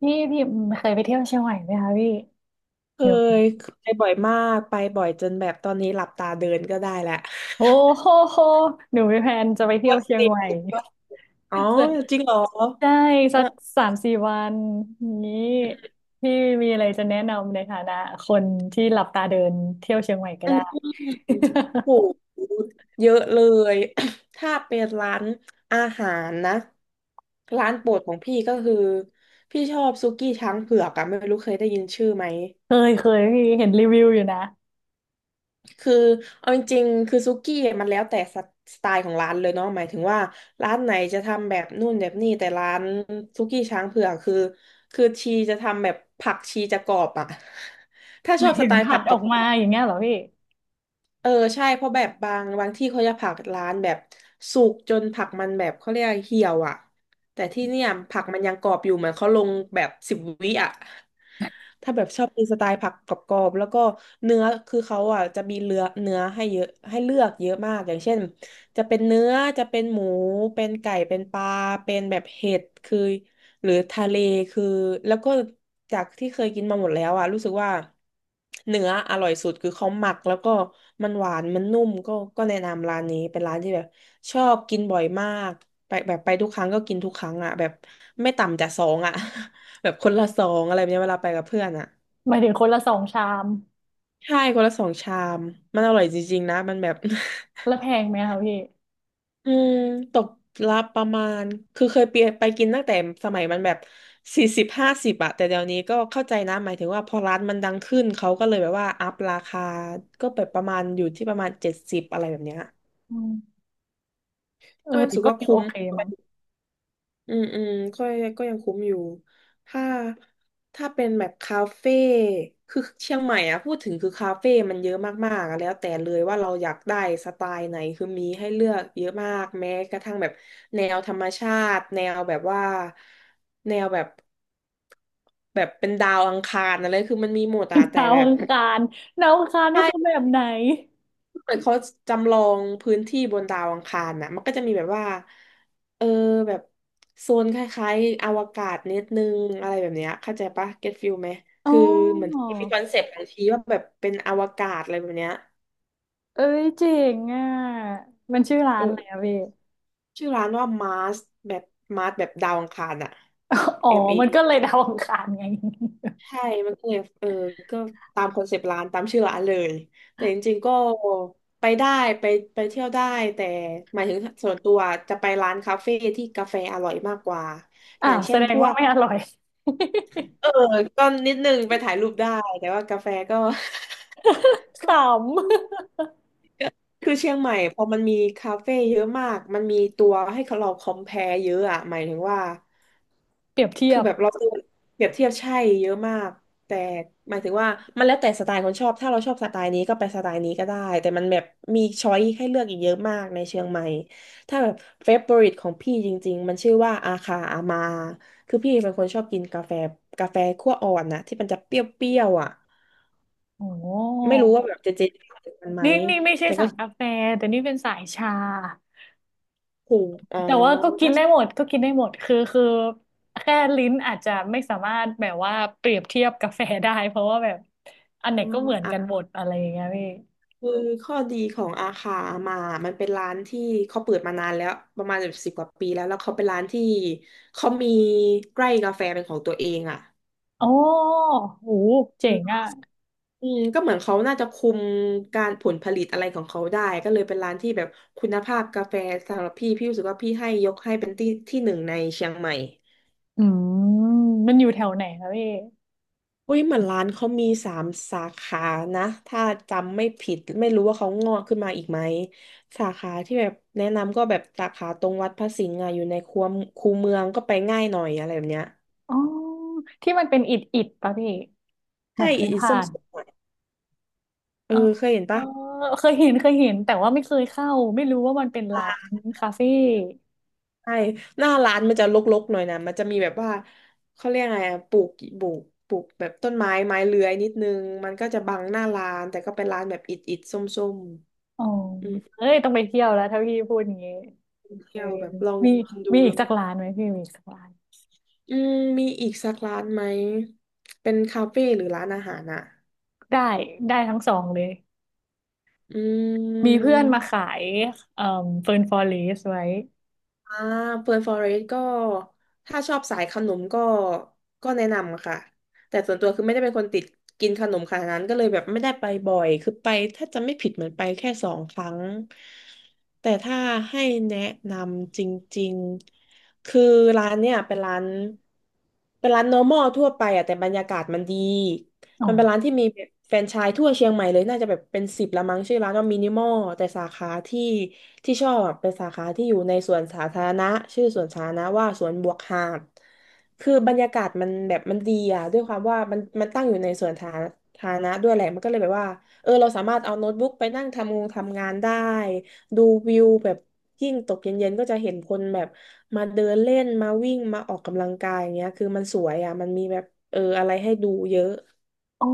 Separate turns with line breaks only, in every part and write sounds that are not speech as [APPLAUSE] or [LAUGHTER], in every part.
พี่เคยไปเที่ยวเชียงใหม่ไหมคะพี่
เค
หนู
ยไปบ่อยมากไปบ่อยจนแบบตอนนี้หลับตาเดินก็ได้แหละว
โอ้โหหนูมีแพลนจะไปเที่ยว
ว่า
เชียง
เสิ
ใหม่
อ๋อ
[LAUGHS]
จริงเหรอ
ใช่
เอ
สั
อ
กสามสี่วันนี้พี่มีอะไรจะแนะนำในฐานะคนที่หลับตาเดินเที่ยวเชียงใหม่ก็
อัน
ได้
นี้โหเยอะเลย [COUGHS] ถ้าเป็นร้านอาหารนะร้านโปรดของพี่ก็คือพี่ชอบซุกี้ช้างเผือกอะไม่รู้เคยได้ยินชื่อไหม
[LAUGHS] เคยเคยพี่เห็นรีวิวอยู่นะ
คือเอาจริงๆคือซุกี้มันแล้วแต่สไตล์ของร้านเลยเนาะหมายถึงว่าร้านไหนจะทำแบบนู่นแบบนี่แต่ร้านซุกี้ช้างเผือกคือชีจะทำแบบผักชีจะกรอบอ่ะ [LAUGHS] ถ้า
ห
ช
มา
อ
ย
บส
ถึง
ไตล์
ผั
ผั
ด
กก
อ
ร
อ
อ
กมา
บ
อย่างเงี้ยเหรอพี่
ๆเออใช่เพราะแบบบางที่เขาจะผักร้านแบบสุกจนผักมันแบบเขาเรียกเหี่ยวอ่ะแต่ที่เนี่ยผักมันยังกรอบอยู่เหมือนเขาลงแบบ10 วิอ่ะ ถ้าแบบชอบกินสไตล์ผักกรอบๆแล้วก็เนื้อคือเขาอ่ะจะมีเลือเนื้อให้เยอะให้เลือกเยอะมากอย่างเช่นจะเป็นเนื้อจะเป็นหมูเป็นไก่เป็นปลาเป็นแบบเห็ดคือหรือทะเลคือแล้วก็จากที่เคยกินมาหมดแล้วอ่ะรู้สึกว่าเนื้ออร่อยสุดคือเขาหมักแล้วก็มันหวานมันนุ่มก็แนะนำร้านนี้เป็นร้านที่แบบชอบกินบ่อยมากไปแบบไปทุกครั้งก็กินทุกครั้งอ่ะแบบไม่ต่ำจากสองอ่ะ แบบคนละสองอะไรแบบเนี้ยเวลาไปกับเพื่อนอ่ะ
หมายถึงคนละสองชาม
ใช่คนละสองชามมันอร่อยจริงๆนะมันแบบ
แล้วแพงไหมคะพี่
[LAUGHS] อืมตกละประมาณคือเคยไปกินตั้งแต่สมัยมันแบบ40-50อะแต่เดี๋ยวนี้ก็เข้าใจนะหมายถึงว่าพอร้านมันดังขึ้นเขาก็เลยแบบว่าอัพราคาก็แบบประมาณอยู่ที่ประมาณ70อะไรแบบเนี้ย
อืมเอ
ก็
อ
ยัง
แต่
รู้สึก
ก็
ว่า
ยัง
คุ้
โอ
ม
เคมั้ง
อืมอืมก็ก็ยังคุ้มอยู่ถ้าถ้าเป็นแบบคาเฟ่คือเชียงใหม่อ่ะพูดถึงคือคาเฟ่มันเยอะมากๆอะแล้วแต่เลยว่าเราอยากได้สไตล์ไหนคือมีให้เลือกเยอะมากแม้กระทั่งแบบแนวธรรมชาติแนวแบบว่าแนวแบบแบบเป็นดาวอังคารอะไรคือมันมีหมดอะ
[LAUGHS]
แต่
ดาว
แบบ
อังคารดาวอังคารนี่คือแบบไหน
เหมือนเขาจำลองพื้นที่บนดาวอังคารน่ะมันก็จะมีแบบว่าเออแบบโซนคล้ายๆอวกาศนิดนึงอะไรแบบเนี้ยเข้าใจปะเก็ตฟิลไหม
อ๋อ
คือเหมือนมีคอนเซปต์บางทีว่าแบบเป็นอวกาศอะไรแบบเนี้ย
เอ้ยเจ๋งอ่ะมันชื่อร้า
เอ
น
อ
อะไรอะพี่
ชื่อร้านว่ามาร์สแบบมาร์สแบบดาวอังคารอ่ะ
[LAUGHS] อ๋อ
เอมเอ
มันก็เลยดาวอังคารไง [LAUGHS]
ใช่ มันก็เลยเออก็ตามคอนเซปต์ร้านตามชื่อร้านเลย แต่จริงๆก็ไปได้ไปไปเที่ยวได้แต่หมายถึงส่วนตัวจะไปร้านคาเฟ่ที่กาแฟอร่อยมากกว่า อ
อ้า
ย่า
ว
ง
แส
เช่น
ด
พ
ง
ว
ว่า
ก
ไม่อร่อย
เออก็นิดนึงไปถ่ายรูปได้แต่ว่ากาแฟก็ [LAUGHS]
[LAUGHS]
ก็
ข
คือเชียงใหม่พอมันมีคาเฟ่เยอะมากมันมีตัวให้เราคอมเพลเยอะอะหมายถึงว่า
ำเปรียบเทีย
คือ
บ
แบบเราเจอเปรียบเทียบใช่เยอะมากแต่หมายถึงว่ามันแล้วแต่สไตล์คนชอบถ้าเราชอบสไตล์นี้ก็ไปสไตล์นี้ก็ได้แต่มันแบบมีช้อยให้เลือกอีกเยอะมากในเชียงใหม่ถ้าแบบเฟเวอริตของพี่จริงๆมันชื่อว่าอาคาอามาคือพี่เป็นคนชอบกินกาแฟกาแฟคั่วอ่อนนะที่มันจะเปรี้ยวๆอ่ะ
โอ้
ไม่รู้ว่าแบบเจเจรู้จักมันไหม
นี่นี่ไม่ใช่สายกาแฟแต่นี่เป็นสายชา
ถูหอ๋อ
แต่ว่าก็กิน
ถ้า
ได้หมดก็กินได้หมดคือแค่ลิ้นอาจจะไม่สามารถแบบว่าเปรียบเทียบกาแฟได้เพราะว่าแบบอันไหนก็เหมือนกันหมดอะไรอย่างเงี้ยพี่
คือข้อดีของอาคามามันเป็นร้านที่เขาเปิดมานานแล้วประมาณ10 กว่าปีแล้วแล้วเขาเป็นร้านที่เขามีไร่กาแฟเป็นของตัวเองอ่ะ
โอ้โห
อื
เจ๋ง
ม
อ่ะ
อืมก็เหมือนเขาน่าจะคุมการผลผลิตอะไรของเขาได้ก็เลยเป็นร้านที่แบบคุณภาพกาแฟสำหรับพี่รู้สึกว่าพี่ให้ยกให้เป็นที่ที่หนึ่งในเชียงใหม่
อืมมันอยู่แถวไหนคะพี่
อุ้ยเหมือนร้านเขามีสามสาขานะถ้าจำไม่ผิดไม่รู้ว่าเขางอกขึ้นมาอีกไหมสาขาที่แบบแนะนำก็แบบสาขาตรงวัดพระสิงห์อะอยู่ในคูเมืองก็ไปง่ายหน่อยอะไรแบบเนี้ย
อ๋อที่มันเป็นอิฐอิฐปะพี่เหมื
ใช่
อนเคย
อี
ผ่า
ส้ม
น
สมหน่อยเออ
อ๋อ
เคยเห็น
เออ
ปะ
เคยเห็นเคยเห็นแต่ว่าไม่เคยเข้าไม่รู้ว่ามันเป็นร้านคาเฟ่
ใช่หน้าร้านมันจะรกๆหน่อยนะมันจะมีแบบว่าเขาเรียกไงอะปลูกปลูกแบบต้นไม้ไม้เลื้อยนิดนึงมันก็จะบังหน้าร้านแต่ก็เป็นร้านแบบอิฐอิฐส้ม
อ๋อ
ๆอืม
เอ้ยต้องไปเที่ยวแล้วถ้าพี่พูดอย่างงี้เอ
เที่
อ
ยวแบบลอง
มี
กินดู
มีอีกสักร้านไหมพี่มีอีกสักร้าน
อืมมีอีกสักร้านไหม เป็นคาเฟ่หรือร้านอาหารอ่ะ
ได้ได้ทั้งสองเลย
อื
มีเพื่
ม
อนมาขายเอ่อเฟิร์นฟอเรสไว้
อ่าเปิดฟอเรสก็ ถ้าชอบสายขนมก็ ก็แนะนำค่ะ แต่ส่วนตัวคือไม่ได้เป็นคนติดกินขนมขนาดนั้นก็เลยแบบไม่ได้ไปบ่อย คือไปถ้าจะไม่ผิดเหมือนไปแค่สองครั้ง แต่ถ้าให้แนะนำจริงๆ คือร้านเนี่ยเป็นร้าน เป็นร้าน normal ทั่วไปอะแต่บรรยากาศมันดี
อ๋อ
มันเป็นร้านที่มีแบบแฟรนไชส์ทั่วเชียงใหม่เลยน่าจะแบบเป็นสิบละมั้งชื่อร้านว่ามินิมอลแต่สาขาที่ที่ชอบอะเป็นสาขาที่อยู่ในสวนสาธารณะชื่อสวนสาธารณะว่าสวนบวกหาดคือบรรยากาศมันแบบมันดีอ่ะด้วยความว่ามันตั้งอยู่ในสวนสาธารณะด้วยแหละมันก็เลยแบบว่าเราสามารถเอาโน้ตบุ๊กไปนั่งทำงานได้ดูวิวแบบยิ่งตกเย็นๆก็จะเห็นคนแบบมาเดินเล่นมาวิ่งมาออกกำลังกายอย่างเงี้ยคือมันสวยอ่ะมันมีแบบอะไรให้ดูเยอะ
อ๋อ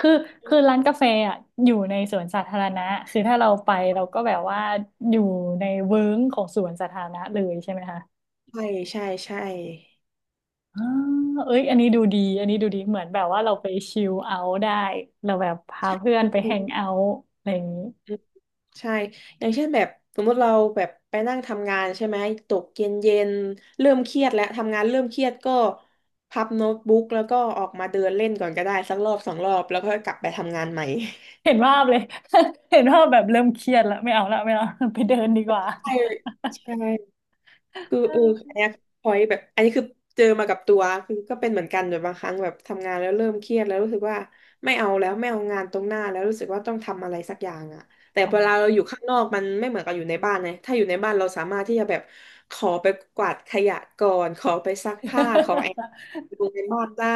คือคือร้านกาแฟอ่ะอยู่ในสวนสาธารณะคือถ้าเราไปเราก็แบบว่าอยู่ในเวิ้งของสวนสาธารณะเลยใช่ไหมคะ
ใช่ใช่ใช่
อ่าเอ้ยอันนี้ดูดีอันนี้ดูดีเหมือนแบบว่าเราไปชิลเอาท์ได้ เราแบบพาเพื่อน
อืม
ไป
อื
แฮ
ม
งเอาท์อะไรอย่างนี้
อืมใช่ อย่างเช่นแบบสมมติเราแบบไปนั่งทำงานใช่ไหม ตกเย็นเย็นเริ่มเครียดแล้วทำงานเริ่มเครียดก็พับโน้ตบุ๊กแล้วก็ออกมาเดินเล่นก่อนก็ได้สักรอบสองรอบแล้วก็กลับไปทำงานใหม่
เห็นภาพเลย [LAUGHS] เห็นภาพแบบเริ่มเครียดแล้วไม่เอาละไม่เอา [LAUGHS] ไปเดินดีกว่า
ใช่ใช่ คือ
เออ
อันเนี้ยพอยแบบอันนี้คือเจอมากับตัวคือก็เป็นเหมือนกันแบบบางครั้งแบบทำงานแล้วเริ่มเครียดแล้วรู้สึกว่าไม่เอาแล้วไม่เอางานตรงหน้าแล้วรู้สึกว่าต้องทำอะไรสักอย่างอ่ะแต่
อ๋อ
เวลาเราอยู่ข้างนอกมันไม่เหมือนกับอยู่ในบ้านไงถ้าอยู่ในบ้านเราสามารถที่จะแบบขอไปกวาดขยะก่อนขอไปซักผ้าขอแอบ
[LAUGHS]
ดูในบ้านได้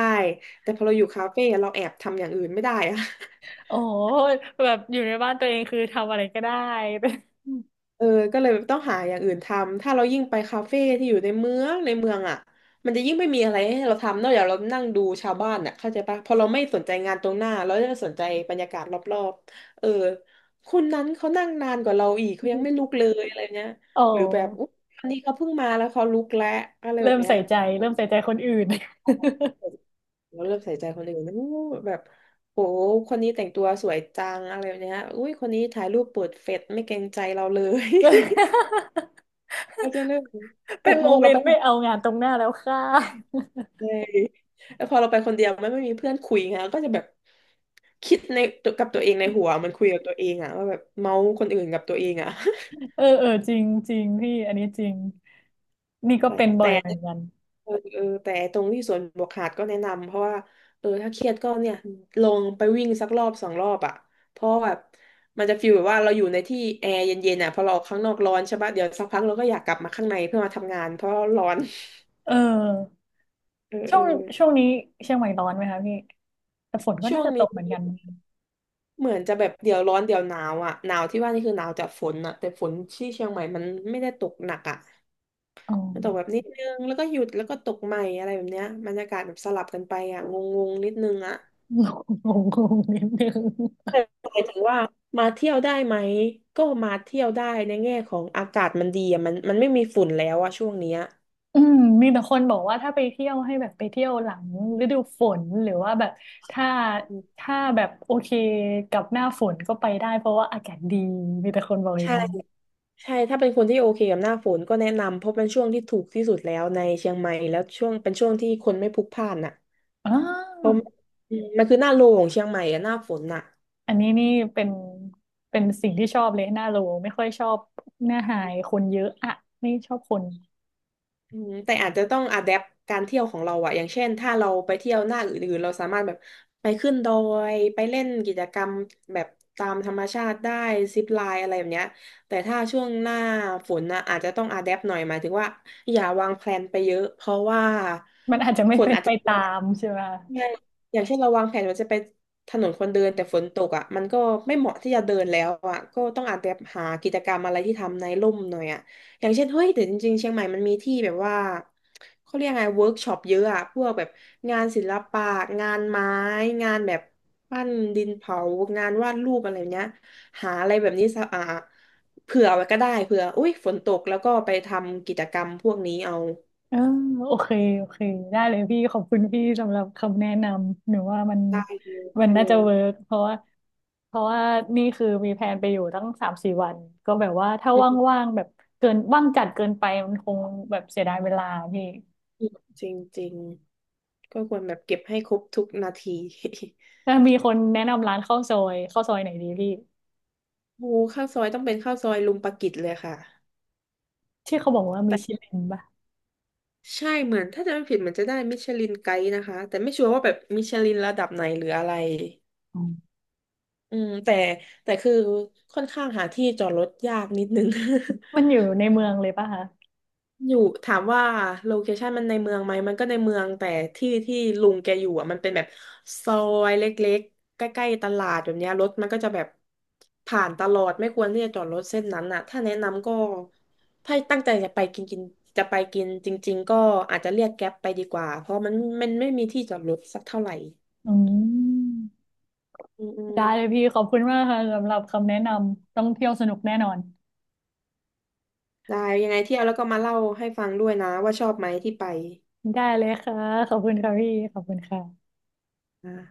แต่พอเราอยู่คาเฟ่เราแอบทำอย่างอื่นไม่ได้อะ
โอ้โหแบบอยู่ในบ้านตัวเองคือทำอะไรก็ได้
เออก็เลยแบบต้องหาอย่างอื่นทำถ้าเรายิ่งไปคาเฟ่ที่อยู่ในเมืองอ่ะมันจะยิ่งไม่มีอะไรให้เราทำนอกจากเรานั่งดูชาวบ้านอ่ะเข้าใจปะพอเราไม่สนใจงานตรงหน้าเราจะสนใจบรรยากาศรอบๆคนนั้นเขานั่งนานกว่าเราอีกเขายังไม่ลุก
[LAUGHS]
เลยอะไรเนี้ย
โอ
หรือแบบ
้
อุ๊ยวันนี้เขาเพิ่งมาแล้วเขาลุกแล้วอะไรแบ
เริ่
บ
ม
เนี้ย
ใส่ใจเริ่มใส่ใจคนอื่น [LAUGHS]
เราเริ่มใส่ใจคนอื่นนะอู้แบบโหคนนี้แต่งตัวสวยจังอะไรแบบเนี้ยอุ้ยคนนี้ถ่ายรูปเปิดเฟซไม่เกรงใจเราเลย ก็จะเรื่องน
เป็
แต่
น
พ
โม
อ
เม
เรา
น
ไป
ต์
ห
ไม่เอา
า
งานตรงหน้าแล้วค่ะ
เลยแล้วพอเราไปคนเดียวไม่มีเพื่อนคุยไงก็จะแบบคิดในกับตัวเองในหัวมันคุยกับตัวเองอะว่าแบบเมาส์คนอื่นกับตัวเองอะ
[LAUGHS] เออเออจริงจริงพี่ อันนี้จริง นี่
[LAUGHS]
ก็
แต่
เป็นบ่อ
แต่
ยเหมือนกัน
เออแต่ตรงที่สวนบวกหาดก็แนะนำเพราะว่าถ้าเครียดก็เนี่ยลงไปวิ่งสักรอบสองรอบอะเพราะแบบมันจะฟีลแบบว่าเราอยู่ในที่แอร์เย็นๆอ่ะพอเราออกข้างนอกร้อนใช่ปะเดี๋ยวสักพักเราก็อยากกลับมาข้างในเพื่อมาทำงานเพราะร้อน
เออ
[LAUGHS] เออ
ช่
เอ
ว
อ
งช่วงนี้เชียงใหม่ร้อนไหมคะพี่ แต่ฝนก็
ช่ว
น่า
ง
จะต
นี้
กเหมือนกัน
เหมือนจะแบบเดี๋ยวร้อนเดี๋ยวหนาวอ่ะหนาวที่ว่านี่คือหนาวจากฝนอ่ะแต่ฝนที่เชียงใหม่มันไม่ได้ตกหนักอ่ะ
อ๋อ
มันตกแบบนิดนึงแล้วก็หยุดแล้วก็ตกใหม่อะไรแบบเนี้ยบรรยากาศแบบสลับกันไปอ่ะงงๆนิดนึงอ่ะ
[LAUGHS] งงงงนิดนึง
แต่หมายถึงว่ามาเที่ยวได้ไหมก็มาเที่ยวได้ในแง่ของอากาศมันดีอ่ะมันไม่มีฝุ่นแล้วอะช่วงเนี้ย
อืมมีแต่คนบอกว่าถ้าไปเที่ยวให้แบบไปเที่ยวหลังฤดูฝนหรือว่าแบบถ้า
อืม
ถ้าแบบโอเคกับหน้าฝนก็ไปได้เพราะว่าอากาศดีมีแต่คนบอกอย่า
ใช่
งนี้
ใช่ถ้าเป็นคนที่โอเคกับหน้าฝนก็แนะนำเพราะเป็นช่วงที่ถูกที่สุดแล้วในเชียงใหม่แล้วช่วงเป็นช่วงที่คนไม่พลุกพล่านอ่ะ
อ่า
มอืมมันคือหน้าโลของเชียงใหม่อะหน้าฝนอะ
อันนี้นี่เป็นเป็นสิ่งที่ชอบเลยหน้าโลไม่ค่อยชอบหน้าหายคนเยอะอะไม่ชอบคน
อืมแต่อาจจะต้องอะแดปการเที่ยวของเราอะอย่างเช่นถ้าเราไปเที่ยวหน้าอื่นๆเราสามารถแบบไปขึ้นดอยไปเล่นกิจกรรมแบบตามธรรมชาติได้ซิปไลน์อะไรแบบเนี้ยแต่ถ้าช่วงหน้าฝนนะอาจจะต้องอะแดปหน่อยหมายถึงว่าอย่าวางแพลนไปเยอะเพราะว่า
มันอาจจะไม่
ฝน
เป็น
อาจ
ไป
จะ
ตามใช่ไหม
ใช่อย่างเช่นเราวางแผนว่าจะไปถนนคนเดินแต่ฝนตกอ่ะมันก็ไม่เหมาะที่จะเดินแล้วอ่ะ ก็ต้องอาจจะหากิจกรรมอะไรที่ทำในร่มหน่อยอ่ะ อย่างเช่นเฮ้ยแต่จริงๆเชียงใหม่มันมีที่แบบว่าเขาเรียกไงเวิร์กช็อปเยอะอ่ะพวกแบบงานศิลปะงานไม้งานแบบปั้นดินเผางานวาดรูปอะไรแบบเนี้ยหาอะไรแบบนี้สะอ่าเผื่อไว้ก็ได้เผื่ออุ้ยฝนตกแล้วก็ไปทำกิจกรรมพวกนี้เอา
เออโอเคโอเคได้เลยพี่ขอบคุณพี่สำหรับคำแนะนำหนูว่ามัน
ได้เลย
มัน
ได้
น่า
เล
จะ
ย
เวิร์กเพราะว่านี่คือมีแผนไปอยู่ตั้งสามสี่วันก็แบบว่าถ้า
อื
ว่างๆแบบเกินว่างจัดเกินไปมันคงแบบเสียดายเวลาพี่
มจริงจริง ก็ควรแบบเก็บให้ครบทุกนาที [LAUGHS]
ถ้ามีคนแนะนำร้านข้าวซอยข้าวซอยไหนดีพี่
โอ้ข้าวซอยต้องเป็นข้าวซอยลุงปากิจเลยค่ะ
ที่เขาบอกว่ามี
แต่
ชิลินป่ะ
ใช่เหมือนถ้าจะไม่ผิดเหมือนจะได้มิชลินไกด์นะคะแต่ไม่ชัวร์ว่าแบบมิชลินระดับไหนหรืออะไร
อ๋อ
อืมแต่แต่คือค่อนข้างหาที่จอดรถยากนิดนึง
มัน
[LAUGHS]
อยู่ในเมืองเลยป่ะคะ
อยู่ถามว่าโลเคชันมันในเมืองไหมมันก็ในเมืองแต่ที่ที่ลุงแกอยู่อ่ะมันเป็นแบบซอยเล็กๆใกล้ๆตลาดแบบเนี้ยรถมันก็จะแบบผ่านตลอดไม่ควรที่จะจอดรถเส้นนั้นอ่ะถ้าแนะนำก็ถ้าตั้งใจจะไปกินกินจะไปกินจริงๆก็อาจจะเรียกแก๊ปไปดีกว่าเพราะมันไม่มีที่จอดรถสักเท่าไหร่
อืม
อืมอืม
ได้เลยพี่ขอบคุณมากค่ะสำหรับคำแนะนำต้องเที่ยวสนุกแน่นอน
ได้ยังไงเที่ยวแล้วก็มาเล่าให้ฟังด้วยนะว่าชอบไหมที่ไป
ได้เลยค่ะขอบคุณค่ะพี่ขอบคุณค่ะ
อ่า